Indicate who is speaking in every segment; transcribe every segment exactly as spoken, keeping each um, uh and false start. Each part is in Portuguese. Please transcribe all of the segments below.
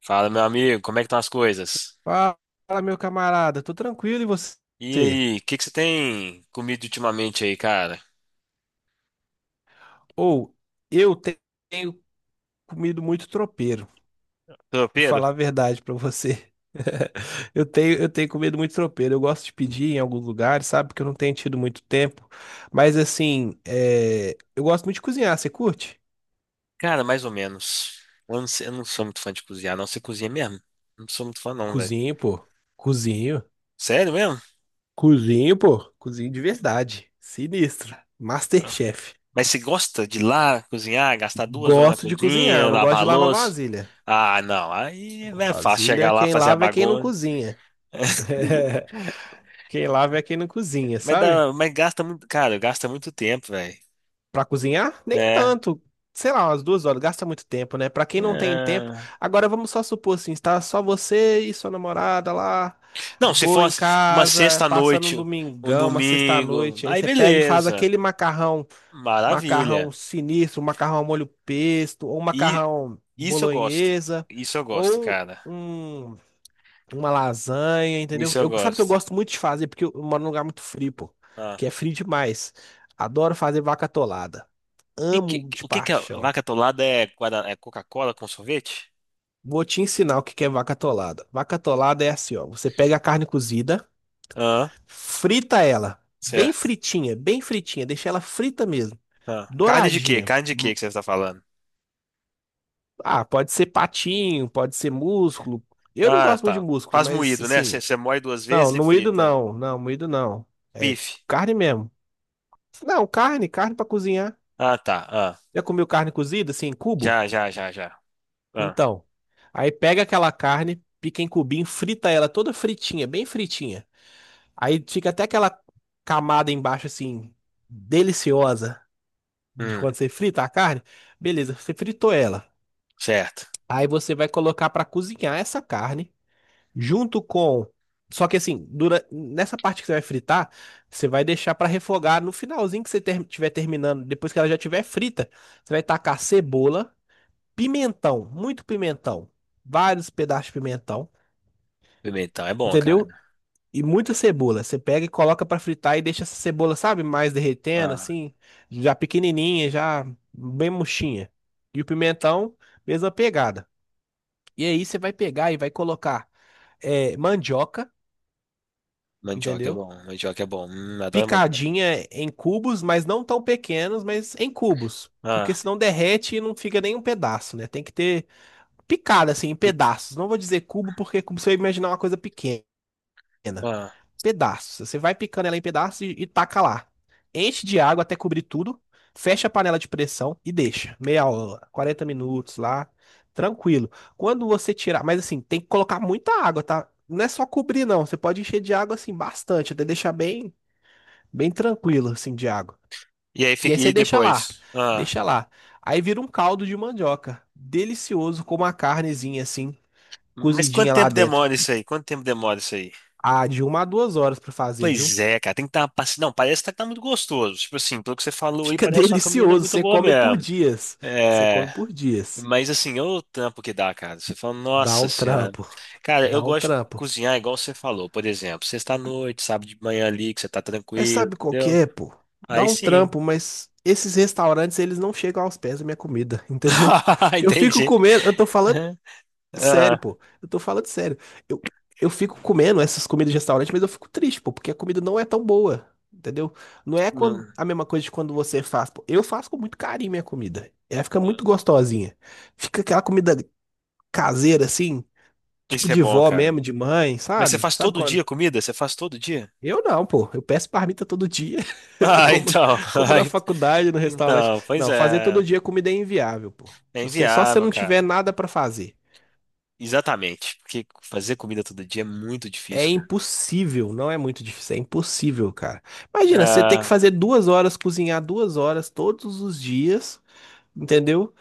Speaker 1: Fala, meu amigo, como é que estão as coisas?
Speaker 2: Fala, meu camarada, tô tranquilo e você?
Speaker 1: E aí, o que que você tem comido ultimamente aí, cara?
Speaker 2: Ou eu te- tenho comido muito tropeiro, vou
Speaker 1: Tropeiro?
Speaker 2: falar a verdade pra você. Eu tenho, eu tenho comido muito tropeiro. Eu gosto de pedir em alguns lugares, sabe? Porque eu não tenho tido muito tempo. Mas assim, é, eu gosto muito de cozinhar. Você curte?
Speaker 1: Cara, mais ou menos. Eu não, sei- eu não sou muito fã de cozinhar, não. Você cozinha mesmo? Não sou muito fã, não, velho.
Speaker 2: Cozinho, pô. Cozinho.
Speaker 1: Sério mesmo?
Speaker 2: Cozinho, pô. Cozinho de verdade. Sinistro.
Speaker 1: Ah.
Speaker 2: Masterchef.
Speaker 1: Mas você gosta de ir lá cozinhar, gastar duas horas na
Speaker 2: Gosto de cozinhar. Eu
Speaker 1: cozinha,
Speaker 2: não gosto
Speaker 1: lavar a
Speaker 2: de lavar
Speaker 1: louça?
Speaker 2: vasilha.
Speaker 1: Ah, não. Aí é fácil chegar
Speaker 2: Vasilha,
Speaker 1: lá,
Speaker 2: quem
Speaker 1: fazer a
Speaker 2: lava é quem não
Speaker 1: bagunça.
Speaker 2: cozinha. Quem lava é quem não cozinha,
Speaker 1: Mas,
Speaker 2: sabe?
Speaker 1: dá, mas gasta muito, cara, gasta muito tempo, velho.
Speaker 2: Pra cozinhar, nem
Speaker 1: É.
Speaker 2: tanto. Sei lá, umas duas horas, gasta muito tempo, né? Pra quem não tem tempo.
Speaker 1: É.
Speaker 2: Agora vamos só supor assim, está só você e sua namorada lá,
Speaker 1: Não,
Speaker 2: de
Speaker 1: se for
Speaker 2: boa
Speaker 1: uma,
Speaker 2: em
Speaker 1: uma
Speaker 2: casa, passando um
Speaker 1: sexta-noite, um
Speaker 2: domingão, uma
Speaker 1: domingo,
Speaker 2: sexta-noite. Aí
Speaker 1: aí
Speaker 2: você pega e faz
Speaker 1: beleza.
Speaker 2: aquele macarrão,
Speaker 1: Maravilha.
Speaker 2: macarrão sinistro, macarrão ao molho pesto, ou
Speaker 1: E
Speaker 2: macarrão
Speaker 1: isso eu gosto.
Speaker 2: bolonhesa,
Speaker 1: Isso eu gosto,
Speaker 2: ou
Speaker 1: cara.
Speaker 2: um uma lasanha, entendeu?
Speaker 1: Isso eu
Speaker 2: Eu, sabe que eu
Speaker 1: gosto.
Speaker 2: gosto muito de fazer, porque eu moro num lugar muito frio, pô.
Speaker 1: Ah.
Speaker 2: Que é frio demais. Adoro fazer vaca atolada.
Speaker 1: E que-
Speaker 2: Amo de
Speaker 1: o que que a
Speaker 2: paixão.
Speaker 1: vaca atolada é, guarda- é Coca-Cola com sorvete?
Speaker 2: Vou te ensinar o que que é vaca atolada. Vaca atolada é assim, ó. Você pega a carne cozida,
Speaker 1: Ah,
Speaker 2: frita ela. Bem
Speaker 1: certo.
Speaker 2: fritinha, bem fritinha. Deixa ela frita mesmo.
Speaker 1: Ah. Carne de quê?
Speaker 2: Douradinha.
Speaker 1: Carne de quê
Speaker 2: Hum.
Speaker 1: que você está falando?
Speaker 2: Ah, pode ser patinho, pode ser músculo. Eu não
Speaker 1: Ah,
Speaker 2: gosto muito de
Speaker 1: tá.
Speaker 2: músculo,
Speaker 1: Faz
Speaker 2: mas
Speaker 1: moído, né? Você
Speaker 2: assim.
Speaker 1: você moe duas
Speaker 2: Não,
Speaker 1: vezes e
Speaker 2: no moído
Speaker 1: frita.
Speaker 2: não. Não, moído não. É
Speaker 1: Bife.
Speaker 2: carne mesmo. Não, carne, carne pra cozinhar.
Speaker 1: Ah, tá. Ah.
Speaker 2: Já comeu carne cozida, assim, em cubo?
Speaker 1: Já, já, já, já. Ah.
Speaker 2: Então. Aí pega aquela carne, pica em cubinho, frita ela toda fritinha, bem fritinha. Aí fica até aquela camada embaixo, assim, deliciosa de
Speaker 1: Hum,
Speaker 2: quando você frita a carne. Beleza, você fritou ela.
Speaker 1: certo.
Speaker 2: Aí você vai colocar pra cozinhar essa carne junto com. Só que assim, dura... nessa parte que você vai fritar, você vai deixar pra refogar no finalzinho que você ter... tiver terminando, depois que ela já tiver frita, você vai tacar cebola. Pimentão, muito pimentão, vários pedaços de pimentão,
Speaker 1: Pimentão é bom, cara.
Speaker 2: entendeu? E muita cebola. Você pega e coloca pra fritar e deixa essa cebola, sabe, mais derretendo,
Speaker 1: Ah.
Speaker 2: assim, já pequenininha, já bem murchinha. E o pimentão, mesma pegada. E aí você vai pegar e vai colocar é, mandioca,
Speaker 1: Mandioca é
Speaker 2: entendeu?
Speaker 1: bom, mandioca é bom. Hum, adoro mandioca.
Speaker 2: Picadinha em cubos, mas não tão pequenos, mas em cubos. Porque
Speaker 1: Ah,
Speaker 2: senão derrete e não fica nem um pedaço, né? Tem que ter picada assim, em
Speaker 1: e,
Speaker 2: pedaços. Não vou dizer cubo, porque é como se eu imaginar uma coisa pequena. pequena.
Speaker 1: ah.
Speaker 2: Pedaços. Você vai picando ela em pedaços e, e taca lá. Enche de água até cobrir tudo. Fecha a panela de pressão e deixa. Meia hora, quarenta minutos lá. Tranquilo. Quando você tirar. Mas assim, tem que colocar muita água, tá? Não é só cobrir, não. Você pode encher de água assim, bastante. Até deixar bem, bem tranquilo, assim, de água.
Speaker 1: E aí,
Speaker 2: E aí
Speaker 1: fica,
Speaker 2: você
Speaker 1: e
Speaker 2: deixa lá.
Speaker 1: depois? Ah,
Speaker 2: Deixa lá. Aí vira um caldo de mandioca. Delicioso, com uma carnezinha assim,
Speaker 1: mas quanto
Speaker 2: cozidinha lá
Speaker 1: tempo
Speaker 2: dentro.
Speaker 1: demora isso aí? Quanto tempo demora isso aí?
Speaker 2: Ah, de uma a duas horas pra fazer, viu?
Speaker 1: Pois é, cara, tem que estar uma paci- Não, parece que tá muito gostoso. Tipo assim, pelo que você falou aí,
Speaker 2: Fica
Speaker 1: parece uma comida
Speaker 2: delicioso,
Speaker 1: muito
Speaker 2: você
Speaker 1: boa
Speaker 2: come por
Speaker 1: mesmo.
Speaker 2: dias. Você
Speaker 1: É,
Speaker 2: come por dias.
Speaker 1: mas assim, olha o trampo que dá, cara. Você fala,
Speaker 2: Dá
Speaker 1: nossa
Speaker 2: um
Speaker 1: senhora.
Speaker 2: trampo,
Speaker 1: Cara, eu
Speaker 2: dá um
Speaker 1: gosto de
Speaker 2: trampo.
Speaker 1: cozinhar igual você falou, por exemplo, sexta-noite, sábado de manhã ali, que você tá
Speaker 2: É,
Speaker 1: tranquilo,
Speaker 2: sabe qual que
Speaker 1: entendeu?
Speaker 2: é, pô? Dá
Speaker 1: Aí
Speaker 2: um
Speaker 1: sim.
Speaker 2: trampo, mas esses restaurantes, eles não chegam aos pés da minha comida, entendeu? Eu fico
Speaker 1: Entendi.
Speaker 2: comendo, eu tô falando sério,
Speaker 1: Ah,
Speaker 2: pô. Eu tô falando sério. Eu, eu fico comendo essas comidas de restaurante, mas eu fico triste, pô, porque a comida não é tão boa, entendeu? Não é
Speaker 1: não.
Speaker 2: quando, a mesma coisa de quando você faz, pô. Eu faço com muito carinho minha comida. Ela fica muito gostosinha. Fica aquela comida caseira, assim. Tipo
Speaker 1: Isso é
Speaker 2: de
Speaker 1: bom,
Speaker 2: vó
Speaker 1: cara.
Speaker 2: mesmo, de mãe,
Speaker 1: Mas você
Speaker 2: sabe?
Speaker 1: faz
Speaker 2: Sabe
Speaker 1: todo
Speaker 2: quando?
Speaker 1: dia comida? Você faz todo dia?
Speaker 2: Eu não, pô. Eu peço marmita todo dia. Eu
Speaker 1: Ah,
Speaker 2: como,
Speaker 1: então.
Speaker 2: como na
Speaker 1: Ai,
Speaker 2: faculdade, no restaurante.
Speaker 1: então, pois
Speaker 2: Não, fazer todo
Speaker 1: é.
Speaker 2: dia comida é inviável, pô.
Speaker 1: É
Speaker 2: Se você, só se você
Speaker 1: inviável,
Speaker 2: não
Speaker 1: cara.
Speaker 2: tiver nada pra fazer.
Speaker 1: Exatamente. Porque fazer comida todo dia é muito
Speaker 2: É
Speaker 1: difícil, cara.
Speaker 2: impossível, não é muito difícil, é impossível, cara. Imagina, você ter que
Speaker 1: Ah,
Speaker 2: fazer duas horas, cozinhar duas horas todos os dias, entendeu?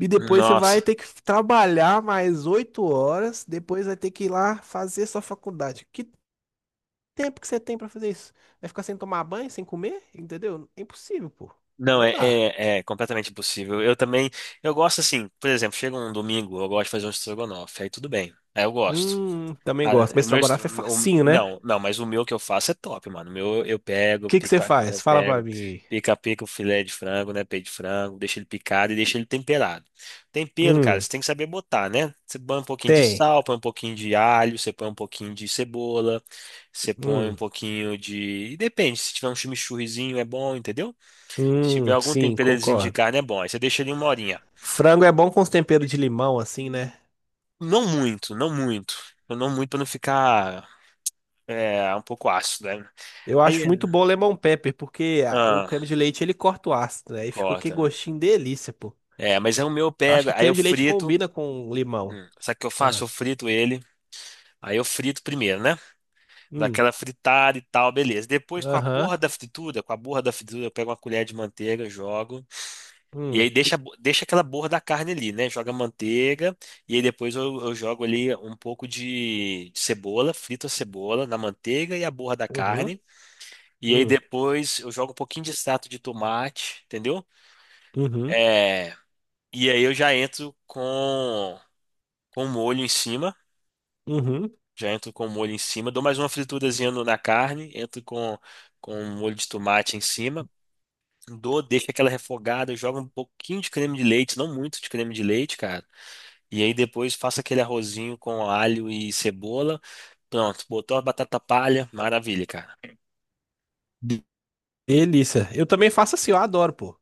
Speaker 2: E depois você vai
Speaker 1: nossa.
Speaker 2: ter que trabalhar mais oito horas, depois vai ter que ir lá fazer sua faculdade. Que tempo que você tem pra fazer isso? Vai ficar sem tomar banho, sem comer? Entendeu? É impossível, pô.
Speaker 1: Não,
Speaker 2: Não
Speaker 1: é,
Speaker 2: dá.
Speaker 1: é, é completamente impossível. Eu também. Eu gosto assim, por exemplo, chega um domingo, eu gosto de fazer um estrogonofe. Aí tudo bem. Aí eu gosto.
Speaker 2: Hum, também
Speaker 1: Ah,
Speaker 2: gosto. Mas
Speaker 1: o meu, est-
Speaker 2: estrogonofe é
Speaker 1: o-
Speaker 2: facinho, né? O
Speaker 1: não, não, mas o meu que eu faço é top, mano. O meu eu pego,
Speaker 2: que que você
Speaker 1: pica, eu
Speaker 2: faz? Fala pra
Speaker 1: pego,
Speaker 2: mim aí.
Speaker 1: pica, Pica o filé de frango, né? Peito de frango, deixa ele picado e deixa ele temperado. Tempero, cara,
Speaker 2: Hum,
Speaker 1: você tem que saber botar, né? Você põe um pouquinho de
Speaker 2: tem.
Speaker 1: sal, põe um pouquinho de alho, você põe um pouquinho de cebola, você põe um
Speaker 2: Hum,
Speaker 1: pouquinho de. E Depende, se tiver um chimichurrizinho é bom, entendeu? Se tiver
Speaker 2: hum,
Speaker 1: algum
Speaker 2: sim,
Speaker 1: temperozinho de
Speaker 2: concordo.
Speaker 1: carne é bom. Aí você deixa ele uma horinha.
Speaker 2: Frango é bom com os temperos de limão, assim, né?
Speaker 1: Não muito, não muito. Não muito pra não ficar. É, um pouco ácido, né?
Speaker 2: Eu
Speaker 1: Aí,
Speaker 2: acho muito bom o lemon pepper, porque a- o
Speaker 1: ah,
Speaker 2: creme de leite ele corta o ácido, né? Aí fica aquele
Speaker 1: corta.
Speaker 2: gostinho delícia, pô.
Speaker 1: É, mas aí o meu eu
Speaker 2: Eu acho
Speaker 1: pego.
Speaker 2: que
Speaker 1: Aí eu
Speaker 2: creme de leite
Speaker 1: frito.
Speaker 2: combina com limão.
Speaker 1: Hum, sabe o que eu faço?
Speaker 2: Ah,
Speaker 1: Eu frito ele. Aí eu frito primeiro, né?
Speaker 2: hum,
Speaker 1: Daquela fritada e tal, beleza. Depois, com a
Speaker 2: aham,
Speaker 1: borra da fritura, com a borra da fritura, eu pego uma colher de manteiga, jogo. E
Speaker 2: hum,
Speaker 1: aí deixa, a bo- deixa aquela borra da carne ali, né? Joga a manteiga. E aí depois eu, eu jogo ali um pouco de, de cebola, frito a cebola na manteiga e a borra da
Speaker 2: uhum,
Speaker 1: carne. E aí
Speaker 2: hum,
Speaker 1: depois eu jogo um pouquinho de extrato de tomate, entendeu?
Speaker 2: uhum,
Speaker 1: É, e aí eu já entro com com molho em cima,
Speaker 2: uhum.
Speaker 1: já entro com molho em cima, dou mais uma friturazinha no- na carne, entro com com molho de tomate em cima, dou, deixo aquela refogada, jogo um pouquinho de creme de leite, não muito de creme de leite, cara. E aí depois faço aquele arrozinho com alho e cebola. Pronto, botou a batata palha, maravilha, cara.
Speaker 2: De- Delícia. Eu também faço assim, eu adoro, pô.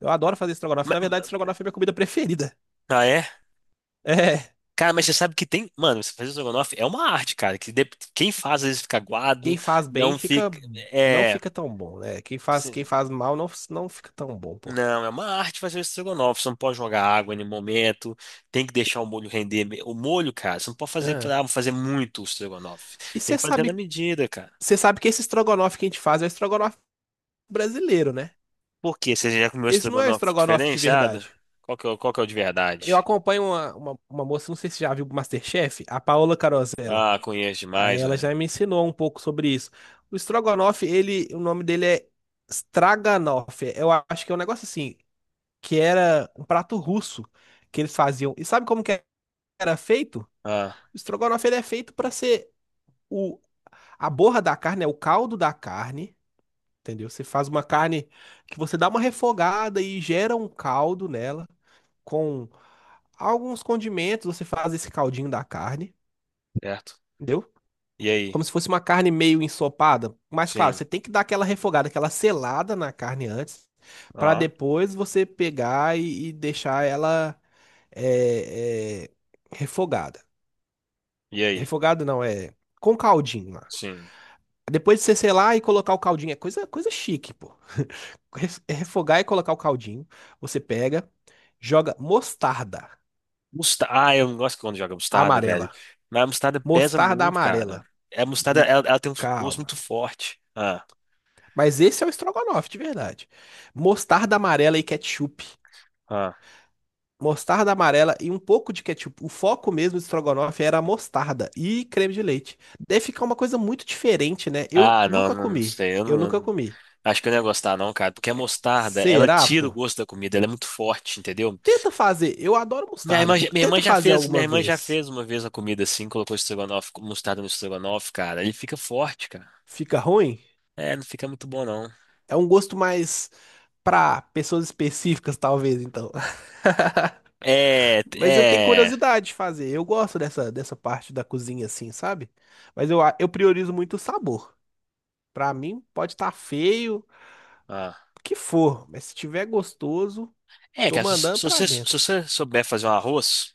Speaker 2: Eu adoro fazer estrogonofe.
Speaker 1: Ma-
Speaker 2: Na verdade,
Speaker 1: ma-
Speaker 2: estrogonofe é minha comida preferida.
Speaker 1: Ah, é?
Speaker 2: É,
Speaker 1: Cara, mas você sabe que tem. Mano, você fazer estrogonofe é uma arte, cara. Que de- Quem faz às vezes fica aguado,
Speaker 2: quem faz bem
Speaker 1: não
Speaker 2: fica,
Speaker 1: fica.
Speaker 2: não
Speaker 1: É.
Speaker 2: fica tão bom, né? Quem faz, quem
Speaker 1: Sim.
Speaker 2: faz mal não, não fica tão bom, pô.
Speaker 1: Não, é uma arte fazer o estrogonofe. Você não pode jogar água em nenhum momento. Tem que deixar o molho render. me- O molho, cara, você não pode fazer
Speaker 2: Ah.
Speaker 1: pra fazer muito o estrogonofe.
Speaker 2: E
Speaker 1: Tem
Speaker 2: você
Speaker 1: que fazer na
Speaker 2: sabe,
Speaker 1: medida, cara.
Speaker 2: você sabe que esse estrogonofe que a gente faz é o estrogonofe brasileiro, né?
Speaker 1: Por quê? Você já comeu
Speaker 2: Esse não é o
Speaker 1: estrogonofe
Speaker 2: estrogonofe de
Speaker 1: diferenciado?
Speaker 2: verdade.
Speaker 1: Qual que é, o- qual que é o de
Speaker 2: Eu
Speaker 1: verdade?
Speaker 2: acompanho uma, uma, uma moça, não sei se você já viu o MasterChef, a Paola Carosella.
Speaker 1: Ah, conheço
Speaker 2: Aí
Speaker 1: demais,
Speaker 2: ela já
Speaker 1: velho.
Speaker 2: me ensinou um pouco sobre isso. O estrogonofe, ele, o nome dele é Straganoff. Eu acho que é um negócio assim, que era um prato russo que eles faziam. E sabe como que era feito?
Speaker 1: Ah,
Speaker 2: O estrogonofe ele é feito para ser o a borra da carne, é o caldo da carne, entendeu? Você faz uma carne que você dá uma refogada e gera um caldo nela com alguns condimentos, você faz esse caldinho da carne.
Speaker 1: certo.
Speaker 2: Entendeu?
Speaker 1: E aí?
Speaker 2: Como se fosse uma carne meio ensopada. Mas claro,
Speaker 1: Sim.
Speaker 2: você tem que dar aquela refogada, aquela selada na carne antes, para
Speaker 1: Ah,
Speaker 2: depois você pegar e, e deixar ela é, é, refogada.
Speaker 1: e aí?
Speaker 2: Refogada não, é com caldinho lá.
Speaker 1: Sim.
Speaker 2: Depois de você selar e colocar o caldinho, é coisa, coisa chique, pô. Res- é Refogar e colocar o caldinho, você pega, joga mostarda
Speaker 1: Musta ah, eu não gosto quando joga mostarda, velho.
Speaker 2: amarela.
Speaker 1: Mas a mostarda pesa
Speaker 2: Mostarda
Speaker 1: muito, cara.
Speaker 2: amarela.
Speaker 1: É, a mostarda,
Speaker 2: Hum.
Speaker 1: ela, ela tem um gosto
Speaker 2: Calma.
Speaker 1: muito forte. Ah.
Speaker 2: Mas esse é o estrogonofe de verdade. Mostarda amarela e ketchup.
Speaker 1: ah.
Speaker 2: Mostarda amarela e um pouco de ketchup. O foco mesmo do estrogonofe era a mostarda e creme de leite. Deve ficar uma coisa muito diferente, né? Eu
Speaker 1: Ah, não,
Speaker 2: nunca
Speaker 1: não
Speaker 2: comi.
Speaker 1: sei. Eu
Speaker 2: Eu nunca
Speaker 1: não,
Speaker 2: comi.
Speaker 1: Acho que eu não ia gostar, não, cara. Porque a mostarda, ela
Speaker 2: Será,
Speaker 1: tira o
Speaker 2: pô?
Speaker 1: gosto da comida, ela é muito forte, entendeu?
Speaker 2: Tenta fazer. Eu adoro
Speaker 1: Minha
Speaker 2: mostarda,
Speaker 1: irmã,
Speaker 2: pô.
Speaker 1: já- minha irmã
Speaker 2: Tenta
Speaker 1: já
Speaker 2: fazer
Speaker 1: fez, minha
Speaker 2: alguma
Speaker 1: irmã já
Speaker 2: vez.
Speaker 1: fez uma vez a comida assim, colocou estrogonofe, mostarda no estrogonofe, cara. Ele fica forte, cara.
Speaker 2: Fica ruim?
Speaker 1: É, não fica muito bom, não.
Speaker 2: É um gosto mais pra pessoas específicas, talvez, então.
Speaker 1: É,
Speaker 2: Mas eu tenho
Speaker 1: é.
Speaker 2: curiosidade de fazer. Eu gosto dessa, dessa parte da cozinha assim, sabe? Mas eu, a- eu priorizo muito o sabor. Pra mim, pode estar feio,
Speaker 1: Ah.
Speaker 2: o que for, mas se tiver gostoso,
Speaker 1: É,
Speaker 2: tô
Speaker 1: cara, se,
Speaker 2: mandando
Speaker 1: se
Speaker 2: pra
Speaker 1: você, se
Speaker 2: dentro.
Speaker 1: você souber fazer um arroz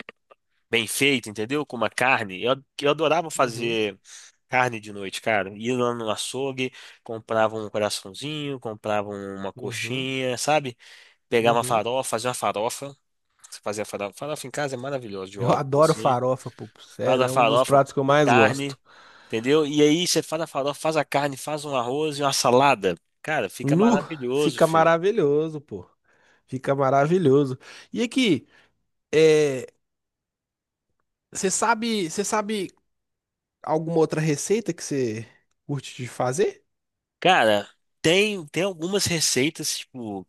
Speaker 1: bem feito, entendeu? Com uma carne, eu, eu adorava
Speaker 2: Uhum,
Speaker 1: fazer. Carne de noite, cara. Ia lá no açougue, comprava um coraçãozinho, comprava uma
Speaker 2: uhum,
Speaker 1: coxinha, sabe? Pegava uma
Speaker 2: uhum.
Speaker 1: farofa, fazia uma farofa. Você fazia farofa. Farofa em casa é maravilhosa, de
Speaker 2: Eu
Speaker 1: ovos,
Speaker 2: adoro
Speaker 1: assim.
Speaker 2: farofa, pô.
Speaker 1: Faz
Speaker 2: Sério,
Speaker 1: a
Speaker 2: é um dos
Speaker 1: farofa,
Speaker 2: pratos que eu mais gosto.
Speaker 1: carne, entendeu? E aí você faz a farofa, faz a carne, faz um arroz e uma salada. Cara, fica
Speaker 2: Nu,
Speaker 1: maravilhoso,
Speaker 2: fica
Speaker 1: filho.
Speaker 2: maravilhoso, pô. Fica maravilhoso. E aqui, é, você sabe, você sabe alguma outra receita que você curte de fazer?
Speaker 1: Cara, tem, tem algumas receitas, tipo.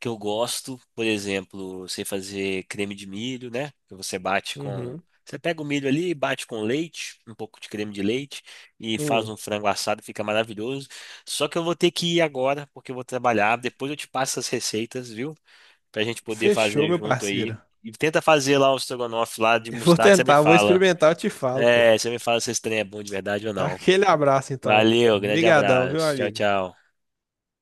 Speaker 1: que eu gosto, por exemplo, eu sei fazer creme de milho, né? Que você bate com.
Speaker 2: Uhum.
Speaker 1: Você pega o milho ali, bate com leite, um pouco de creme de leite, e faz
Speaker 2: Hum.
Speaker 1: um frango assado, fica maravilhoso. Só que eu vou ter que ir agora, porque eu vou trabalhar. Depois eu te passo as receitas, viu? Pra gente poder
Speaker 2: Fechou,
Speaker 1: fazer
Speaker 2: meu
Speaker 1: junto
Speaker 2: parceiro.
Speaker 1: aí. E tenta fazer lá o estrogonofe lá de
Speaker 2: Eu vou
Speaker 1: mostarda, você me
Speaker 2: tentar, vou
Speaker 1: fala.
Speaker 2: experimentar, eu te falo, pô.
Speaker 1: É, você me fala se esse trem é bom de verdade ou não.
Speaker 2: Aquele abraço, então.
Speaker 1: Valeu, grande
Speaker 2: Brigadão viu,
Speaker 1: abraço. Tchau,
Speaker 2: amigo?
Speaker 1: tchau.